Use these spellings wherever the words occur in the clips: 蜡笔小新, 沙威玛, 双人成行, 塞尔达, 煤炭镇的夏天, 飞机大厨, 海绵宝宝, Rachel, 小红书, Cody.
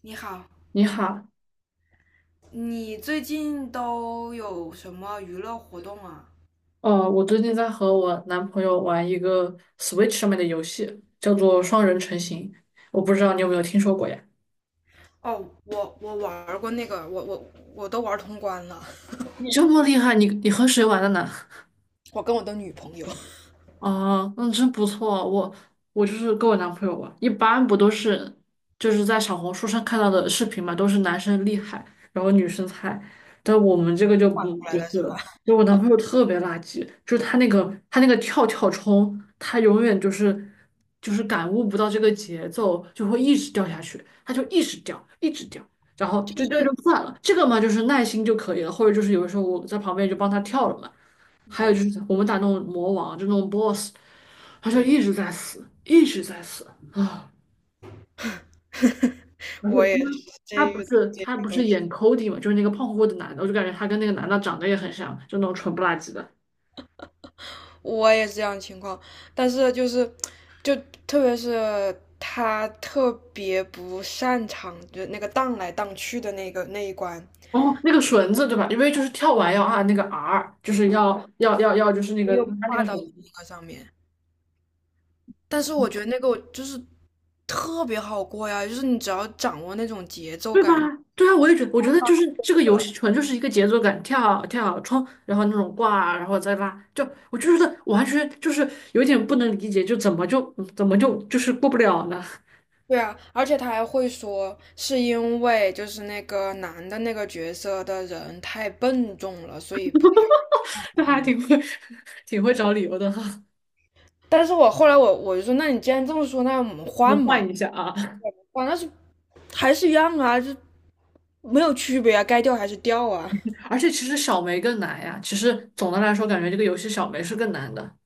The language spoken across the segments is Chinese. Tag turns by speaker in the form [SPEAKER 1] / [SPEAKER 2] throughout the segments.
[SPEAKER 1] 你好，
[SPEAKER 2] 你好，
[SPEAKER 1] 你最近都有什么娱乐活动啊？
[SPEAKER 2] 我最近在和我男朋友玩一个 Switch 上面的游戏，叫做双人成行。我不知道你有没有听说过呀？
[SPEAKER 1] 哦，我玩过那个，我都玩通关了。
[SPEAKER 2] 你这么厉害，你和谁玩的呢？
[SPEAKER 1] 我跟我的女朋友 后
[SPEAKER 2] 啊，那真不错。我就是跟我男朋友玩，一般不都是就是在小红书上看到的视频嘛，都是男生厉害，然后女生菜。但我们这个就不
[SPEAKER 1] 来
[SPEAKER 2] 不是
[SPEAKER 1] 的是吧？
[SPEAKER 2] 了，因为我男朋友特别垃圾，就是他那个跳跳冲，他永远就是就是感悟不到这个节奏，就会一直掉下去，他就一直掉，一直掉。然后
[SPEAKER 1] 就
[SPEAKER 2] 这就
[SPEAKER 1] 是
[SPEAKER 2] 算了，这个嘛就是耐心就可以了，或者就是有的时候我在旁边就帮他跳了嘛。还有就
[SPEAKER 1] 嗯
[SPEAKER 2] 是我们打那种魔王，就那种 BOSS,他就
[SPEAKER 1] 嗯，
[SPEAKER 2] 一直在死，一直在死啊！而
[SPEAKER 1] 我
[SPEAKER 2] 且
[SPEAKER 1] 也
[SPEAKER 2] 因为
[SPEAKER 1] 是
[SPEAKER 2] 他
[SPEAKER 1] 这
[SPEAKER 2] 不
[SPEAKER 1] 遇
[SPEAKER 2] 是
[SPEAKER 1] 这样
[SPEAKER 2] 他不
[SPEAKER 1] 的
[SPEAKER 2] 是
[SPEAKER 1] 情
[SPEAKER 2] 演 Cody 嘛，就是那个胖乎乎的男的，我就感觉他跟那个男的长得也很像，就那种蠢不拉几的。
[SPEAKER 1] 况我也是这样的情况，但是就是就特别是他特别不擅长，就那个荡来荡去的那个那一关，
[SPEAKER 2] 哦，那个绳子对吧？因为就是跳完要按那个 R,就是要，就是那个
[SPEAKER 1] 又
[SPEAKER 2] 他那
[SPEAKER 1] 挂
[SPEAKER 2] 个
[SPEAKER 1] 到
[SPEAKER 2] 绳子。
[SPEAKER 1] 那个上面。但是我觉得那个就是特别好过呀，就是你只要掌握那种节奏
[SPEAKER 2] 对吧？
[SPEAKER 1] 感就
[SPEAKER 2] 对啊，我也觉得，我觉得就是这个
[SPEAKER 1] 好
[SPEAKER 2] 游
[SPEAKER 1] 了。
[SPEAKER 2] 戏纯就是一个节奏感，跳跳冲，然后那种挂，然后再拉，就我就觉得完全就是有点不能理解，就怎么就怎么就就是过不了呢？
[SPEAKER 1] 对啊，而且他还会说是因为就是那个男的那个角色的人太笨重了，所以不太。
[SPEAKER 2] 就还挺会 挺会找理由的哈。
[SPEAKER 1] 但是我后来我就说，那你既然这么说，那我们
[SPEAKER 2] 我
[SPEAKER 1] 换
[SPEAKER 2] 们
[SPEAKER 1] 嘛？
[SPEAKER 2] 换一下啊，
[SPEAKER 1] 换那是还是一样啊，就没有区别啊，该掉还是掉啊。
[SPEAKER 2] 而且其实小梅更难呀。其实总的来说，感觉这个游戏小梅是更难的。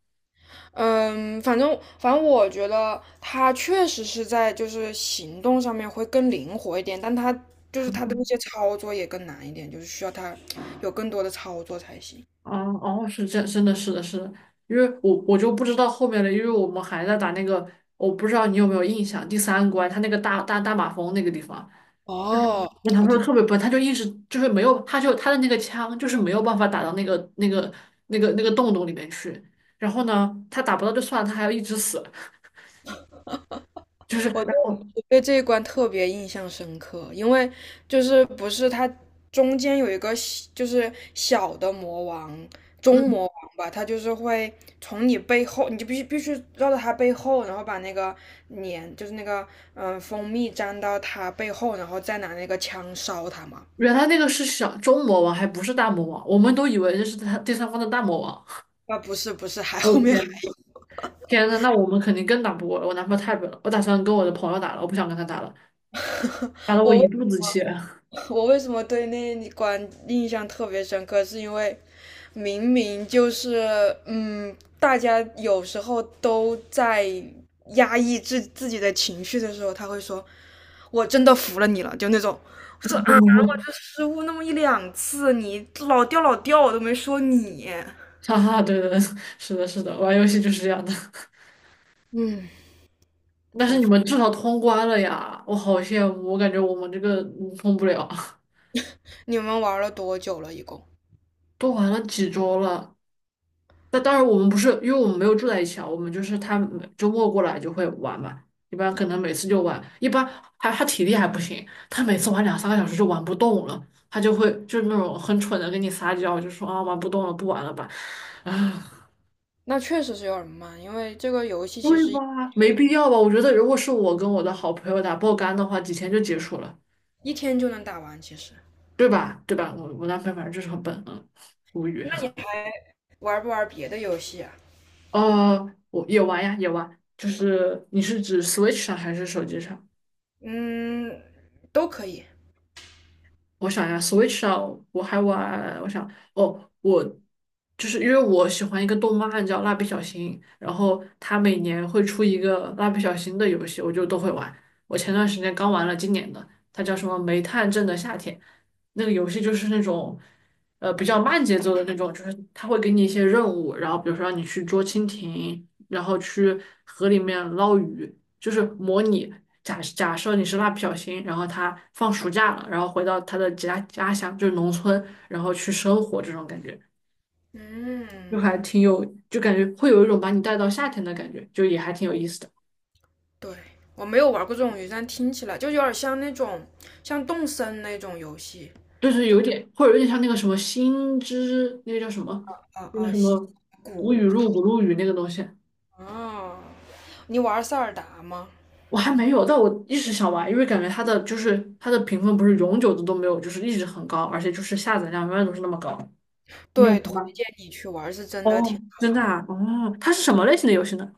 [SPEAKER 1] 嗯，反正我觉得他确实是在就是行动上面会更灵活一点，但他就是他的那些操作也更难一点，就是需要他有更多的操作才行。
[SPEAKER 2] 哦哦，是这真的是的是的，因为我就不知道后面了，因为我们还在打那个，我不知道你有没有印象，第三关它那个大马蜂那个地方。
[SPEAKER 1] 哦，
[SPEAKER 2] 男
[SPEAKER 1] 我
[SPEAKER 2] 朋友
[SPEAKER 1] 知
[SPEAKER 2] 特别笨，他就一直就是没有，他就他的那个枪就是没有办法打到那个洞洞里面去。然后呢，他打不到就算了，他还要一直死，就是
[SPEAKER 1] 我对
[SPEAKER 2] 然后
[SPEAKER 1] 我对这一关特别印象深刻，因为就是不是它中间有一个小就是小的魔王，中
[SPEAKER 2] 嗯，
[SPEAKER 1] 魔王吧。他就是会从你背后，你就必须绕到他背后，然后把那个粘就是那个嗯蜂蜜粘到他背后，然后再拿那个枪烧他嘛。
[SPEAKER 2] 原来那个是小中魔王，还不是大魔王，我们都以为这是他第三方的大魔王。
[SPEAKER 1] 啊，不是不是，还
[SPEAKER 2] 哦
[SPEAKER 1] 后面还。
[SPEAKER 2] 天，天呐，那我们肯定更打不过了，我男朋友太笨了，我打算跟我的朋友打了，我不想跟他打了，打得我
[SPEAKER 1] 我
[SPEAKER 2] 一
[SPEAKER 1] 为
[SPEAKER 2] 肚子气。
[SPEAKER 1] 我为什么对那关印象特别深刻？是因为明明就是，嗯，大家有时候都在压抑自己的情绪的时候，他会说：“我真的服了你了。”就那种。我说啊，我就失误那么一两次，你老掉老掉，我都没说你。
[SPEAKER 2] 哈哈，对对对，是的，是的，玩游戏就是这样的。
[SPEAKER 1] 嗯，
[SPEAKER 2] 但是
[SPEAKER 1] 平
[SPEAKER 2] 你
[SPEAKER 1] 复。
[SPEAKER 2] 们至少通关了呀，我好羡慕，我感觉我们这个通不了，
[SPEAKER 1] 你们玩了多久了？一共？
[SPEAKER 2] 都玩了几周了。但当然我们不是，因为我们没有住在一起啊，我们就是他每周末过来就会玩嘛，一般可能每次就玩，一般还他体力还不行，他每次玩两三个小时就玩不动了，他就会就是那种很蠢的跟你撒娇，就说啊玩不动了，不玩了吧，啊。
[SPEAKER 1] 那确实是有点慢，因为这个游戏其
[SPEAKER 2] 对
[SPEAKER 1] 实
[SPEAKER 2] 吧？没必要吧？我觉得如果是我跟我的好朋友打爆肝的话，几天就结束了。
[SPEAKER 1] 一天就能打完，其实。
[SPEAKER 2] 对吧？对吧？我男朋友反正就是很笨，嗯，无语。
[SPEAKER 1] 那你玩不玩别的游戏啊？
[SPEAKER 2] 我也玩呀，也玩，就是你是指 Switch 上还是手机上？
[SPEAKER 1] 嗯，都可以。
[SPEAKER 2] 我想一下，Switch 上我还玩，我想哦，我就是因为我喜欢一个动漫叫《蜡笔小新》，然后它每年会出一个蜡笔小新的游戏，我就都会玩。我前段时间刚玩了今年的，它叫什么《煤炭镇的夏天》，那个游戏就是那种比较慢节奏的那种，就是它会给你一些任务，然后比如说让你去捉蜻蜓，然后去河里面捞鱼。就是模拟假设你是蜡笔小新，然后他放暑假了，然后回到他的家乡，就是农村，然后去生活这种感觉，就
[SPEAKER 1] 嗯，
[SPEAKER 2] 还挺有，就感觉会有一种把你带到夏天的感觉，就也还挺有意思的，
[SPEAKER 1] 对，我没有玩过这种游戏，但听起来就有点像那种像动森那种游戏。
[SPEAKER 2] 就是
[SPEAKER 1] 就
[SPEAKER 2] 有点或者有点像那个什么星之那个叫什么，
[SPEAKER 1] 啊
[SPEAKER 2] 那个
[SPEAKER 1] 啊
[SPEAKER 2] 什
[SPEAKER 1] 西
[SPEAKER 2] 么古雨露古露雨那个东西。
[SPEAKER 1] 啊。你玩塞尔达吗？
[SPEAKER 2] 我还没有，但我一直想玩，因为感觉它的就是它的评分不是永久的都没有，就是一直很高，而且就是下载量永远都是那么高。你有
[SPEAKER 1] 对，推
[SPEAKER 2] 玩吗？
[SPEAKER 1] 荐你去玩，是真的
[SPEAKER 2] 哦，
[SPEAKER 1] 挺好
[SPEAKER 2] 真的
[SPEAKER 1] 玩。
[SPEAKER 2] 啊，哦，它是什么类型的游戏呢？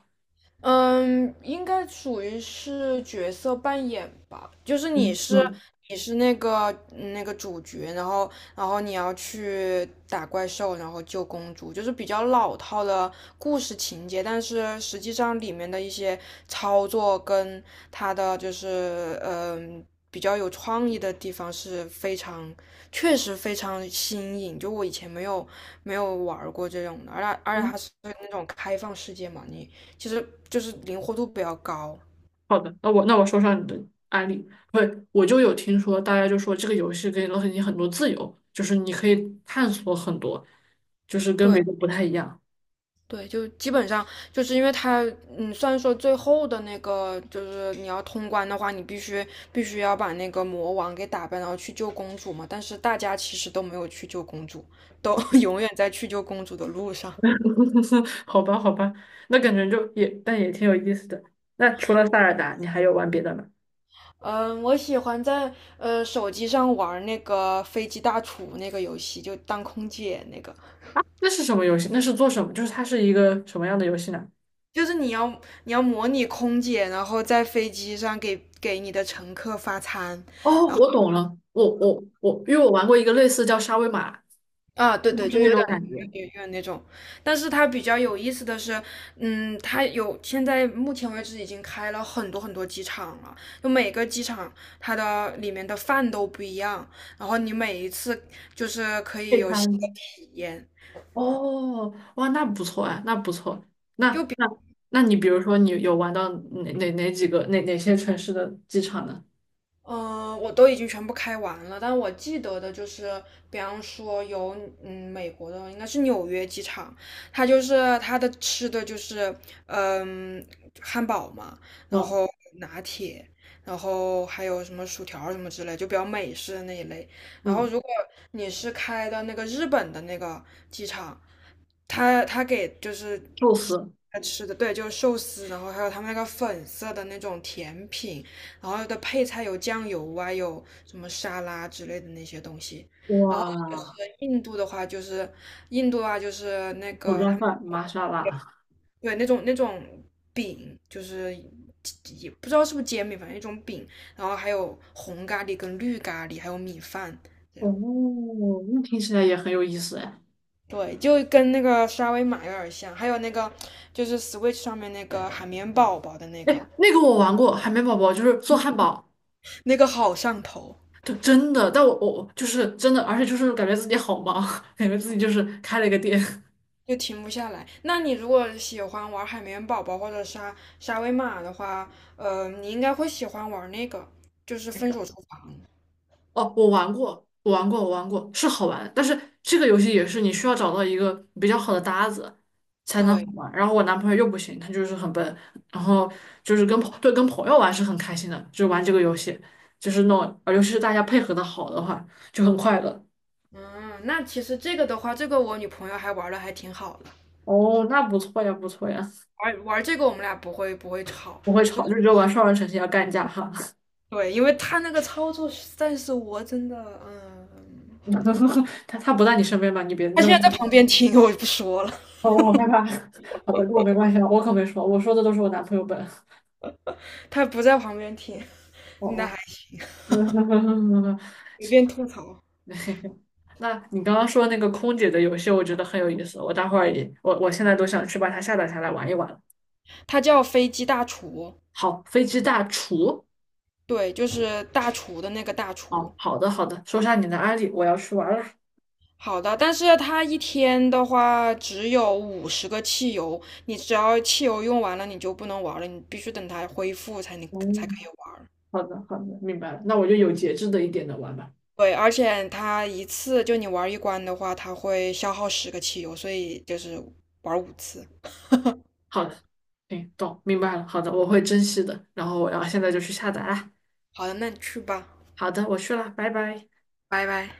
[SPEAKER 1] 嗯，应该属于是角色扮演吧，就是
[SPEAKER 2] 嗯嗯
[SPEAKER 1] 你是那个嗯那个主角，然后你要去打怪兽，然后救公主，就是比较老套的故事情节。但是实际上里面的一些操作跟它的就是嗯比较有创意的地方是非常确实非常新颖。就我以前没有玩儿过这种的，而且
[SPEAKER 2] 嗯，
[SPEAKER 1] 它是那种开放世界嘛，你。其实就是灵活度比较高。
[SPEAKER 2] 好的，那我说上你的案例，对，我就有听说，大家就说这个游戏给了你很多自由，就是你可以探索很多，就是跟别
[SPEAKER 1] 对
[SPEAKER 2] 的不太一样。
[SPEAKER 1] 对，就基本上就是因为它，嗯，虽然说最后的那个就是你要通关的话，你必须要把那个魔王给打败，然后去救公主嘛。但是大家其实都没有去救公主，都 永远在去救公主的路上。
[SPEAKER 2] 好吧，好吧，那感觉就也但也挺有意思的。那除了塞尔达，你还有玩别的吗？
[SPEAKER 1] 嗯，我喜欢在手机上玩那个飞机大厨那个游戏，就当空姐那个，
[SPEAKER 2] 那是什么游戏？那是做什么？就是它是一个什么样的游戏呢？
[SPEAKER 1] 就是你要模拟空姐，然后在飞机上给你的乘客发餐，
[SPEAKER 2] 哦，
[SPEAKER 1] 然后。
[SPEAKER 2] 我懂了，我，因为我玩过一个类似叫沙威玛，
[SPEAKER 1] 啊，对
[SPEAKER 2] 就
[SPEAKER 1] 对，
[SPEAKER 2] 是
[SPEAKER 1] 就
[SPEAKER 2] 那种感觉。
[SPEAKER 1] 有点那种。但是它比较有意思的是，嗯，它有现在目前为止已经开了很多很多机场了，就每个机场它的里面的饭都不一样。然后你每一次就是可以
[SPEAKER 2] 配
[SPEAKER 1] 有新的
[SPEAKER 2] 餐。
[SPEAKER 1] 体验。
[SPEAKER 2] 哦，哇，那不错哎，那不错。
[SPEAKER 1] 就
[SPEAKER 2] 那
[SPEAKER 1] 比。
[SPEAKER 2] 那那你比如说，你有玩到哪几个哪些城市的机场呢？
[SPEAKER 1] 嗯、我都已经全部开完了，但我记得的就是，比方说有嗯美国的应该是纽约机场，它就是它的吃的就是嗯汉堡嘛，然
[SPEAKER 2] 哦，
[SPEAKER 1] 后拿铁，然后还有什么薯条什么之类，就比较美式的那一类。然后
[SPEAKER 2] 嗯，
[SPEAKER 1] 如果你是开的那个日本的那个机场，他给就是
[SPEAKER 2] 寿
[SPEAKER 1] 吃
[SPEAKER 2] 司，
[SPEAKER 1] 吃的，对，就是寿司，然后还有他们那个粉色的那种甜品，然后的配菜有酱油啊，有什么沙拉之类的那些东西。然后就是
[SPEAKER 2] 哇，
[SPEAKER 1] 印度的话，就是印度啊，就是那
[SPEAKER 2] 手
[SPEAKER 1] 个
[SPEAKER 2] 抓
[SPEAKER 1] 他们
[SPEAKER 2] 饭，玛莎拉，
[SPEAKER 1] 对那种饼，就是也不知道是不是煎饼，反正一种饼。然后还有红咖喱跟绿咖喱，还有米饭。这样
[SPEAKER 2] 哦，那听起来也很有意思哎。
[SPEAKER 1] 对，就跟那个沙威玛有点像，还有那个就是 Switch 上面那个海绵宝宝的那个，
[SPEAKER 2] 哎，那个我玩过，海绵宝宝就是做汉堡，
[SPEAKER 1] 那个好上头。
[SPEAKER 2] 就真的，但我就是真的，而且就是感觉自己好忙，感觉自己就是开了一个店。
[SPEAKER 1] 就停不下来。那你如果喜欢玩海绵宝宝或者沙威玛的话，呃，你应该会喜欢玩那个，就是
[SPEAKER 2] 那
[SPEAKER 1] 分
[SPEAKER 2] 个。
[SPEAKER 1] 手厨房。
[SPEAKER 2] 哦，我玩过，是好玩，但是这个游戏也是你需要找到一个比较好的搭子才能
[SPEAKER 1] 对，
[SPEAKER 2] 好玩。然后我男朋友又不行，他就是很笨，然后就是跟朋友玩是很开心的，就是玩这个游戏，就是那种，尤其是大家配合的好的话，就很快乐。
[SPEAKER 1] 嗯，那其实这个的话，这个我女朋友还玩的还挺好的。
[SPEAKER 2] 哦，那不错呀，不错呀。
[SPEAKER 1] 玩玩这个我们俩不会吵。
[SPEAKER 2] 不会吵，就只有玩双人成行要干架哈。
[SPEAKER 1] 对，因为他那个操作实在是我真的，嗯，
[SPEAKER 2] 他不在你身边吧？你别
[SPEAKER 1] 他
[SPEAKER 2] 那么
[SPEAKER 1] 现在
[SPEAKER 2] 大
[SPEAKER 1] 在旁
[SPEAKER 2] 声
[SPEAKER 1] 边听，我就不说了。
[SPEAKER 2] 哦，我好害怕。好的，跟我没关系了，我可没说，我说的都是我男朋友笨。
[SPEAKER 1] 他不在旁边听，
[SPEAKER 2] 哦
[SPEAKER 1] 那还
[SPEAKER 2] 哦。嗯
[SPEAKER 1] 随
[SPEAKER 2] 行
[SPEAKER 1] 便吐槽。
[SPEAKER 2] 那你刚刚说那个空姐的游戏，我觉得很有意思。我待会儿也，我现在都想去把它下载下来玩一玩。
[SPEAKER 1] 他叫飞机大厨，
[SPEAKER 2] 好，飞机大厨。
[SPEAKER 1] 对，就是大厨的那个大
[SPEAKER 2] 哦，
[SPEAKER 1] 厨。
[SPEAKER 2] 好的好的，说下你的案例，我要去玩了。
[SPEAKER 1] 好的，但是它一天的话只有50个汽油，你只要汽油用完了，你就不能玩了，你必须等它恢复才可以
[SPEAKER 2] 嗯，
[SPEAKER 1] 玩。
[SPEAKER 2] 好的好的，明白了。那我就有节制的一点的玩吧。
[SPEAKER 1] 对，而且它一次就你玩一关的话，它会消耗十个汽油，所以就是玩5次。
[SPEAKER 2] 好的，行，懂，明白了。好的，我会珍惜的。然后我要现在就去下载啦。
[SPEAKER 1] 好的，那你去吧，
[SPEAKER 2] 好的，我去了，拜拜。
[SPEAKER 1] 拜拜。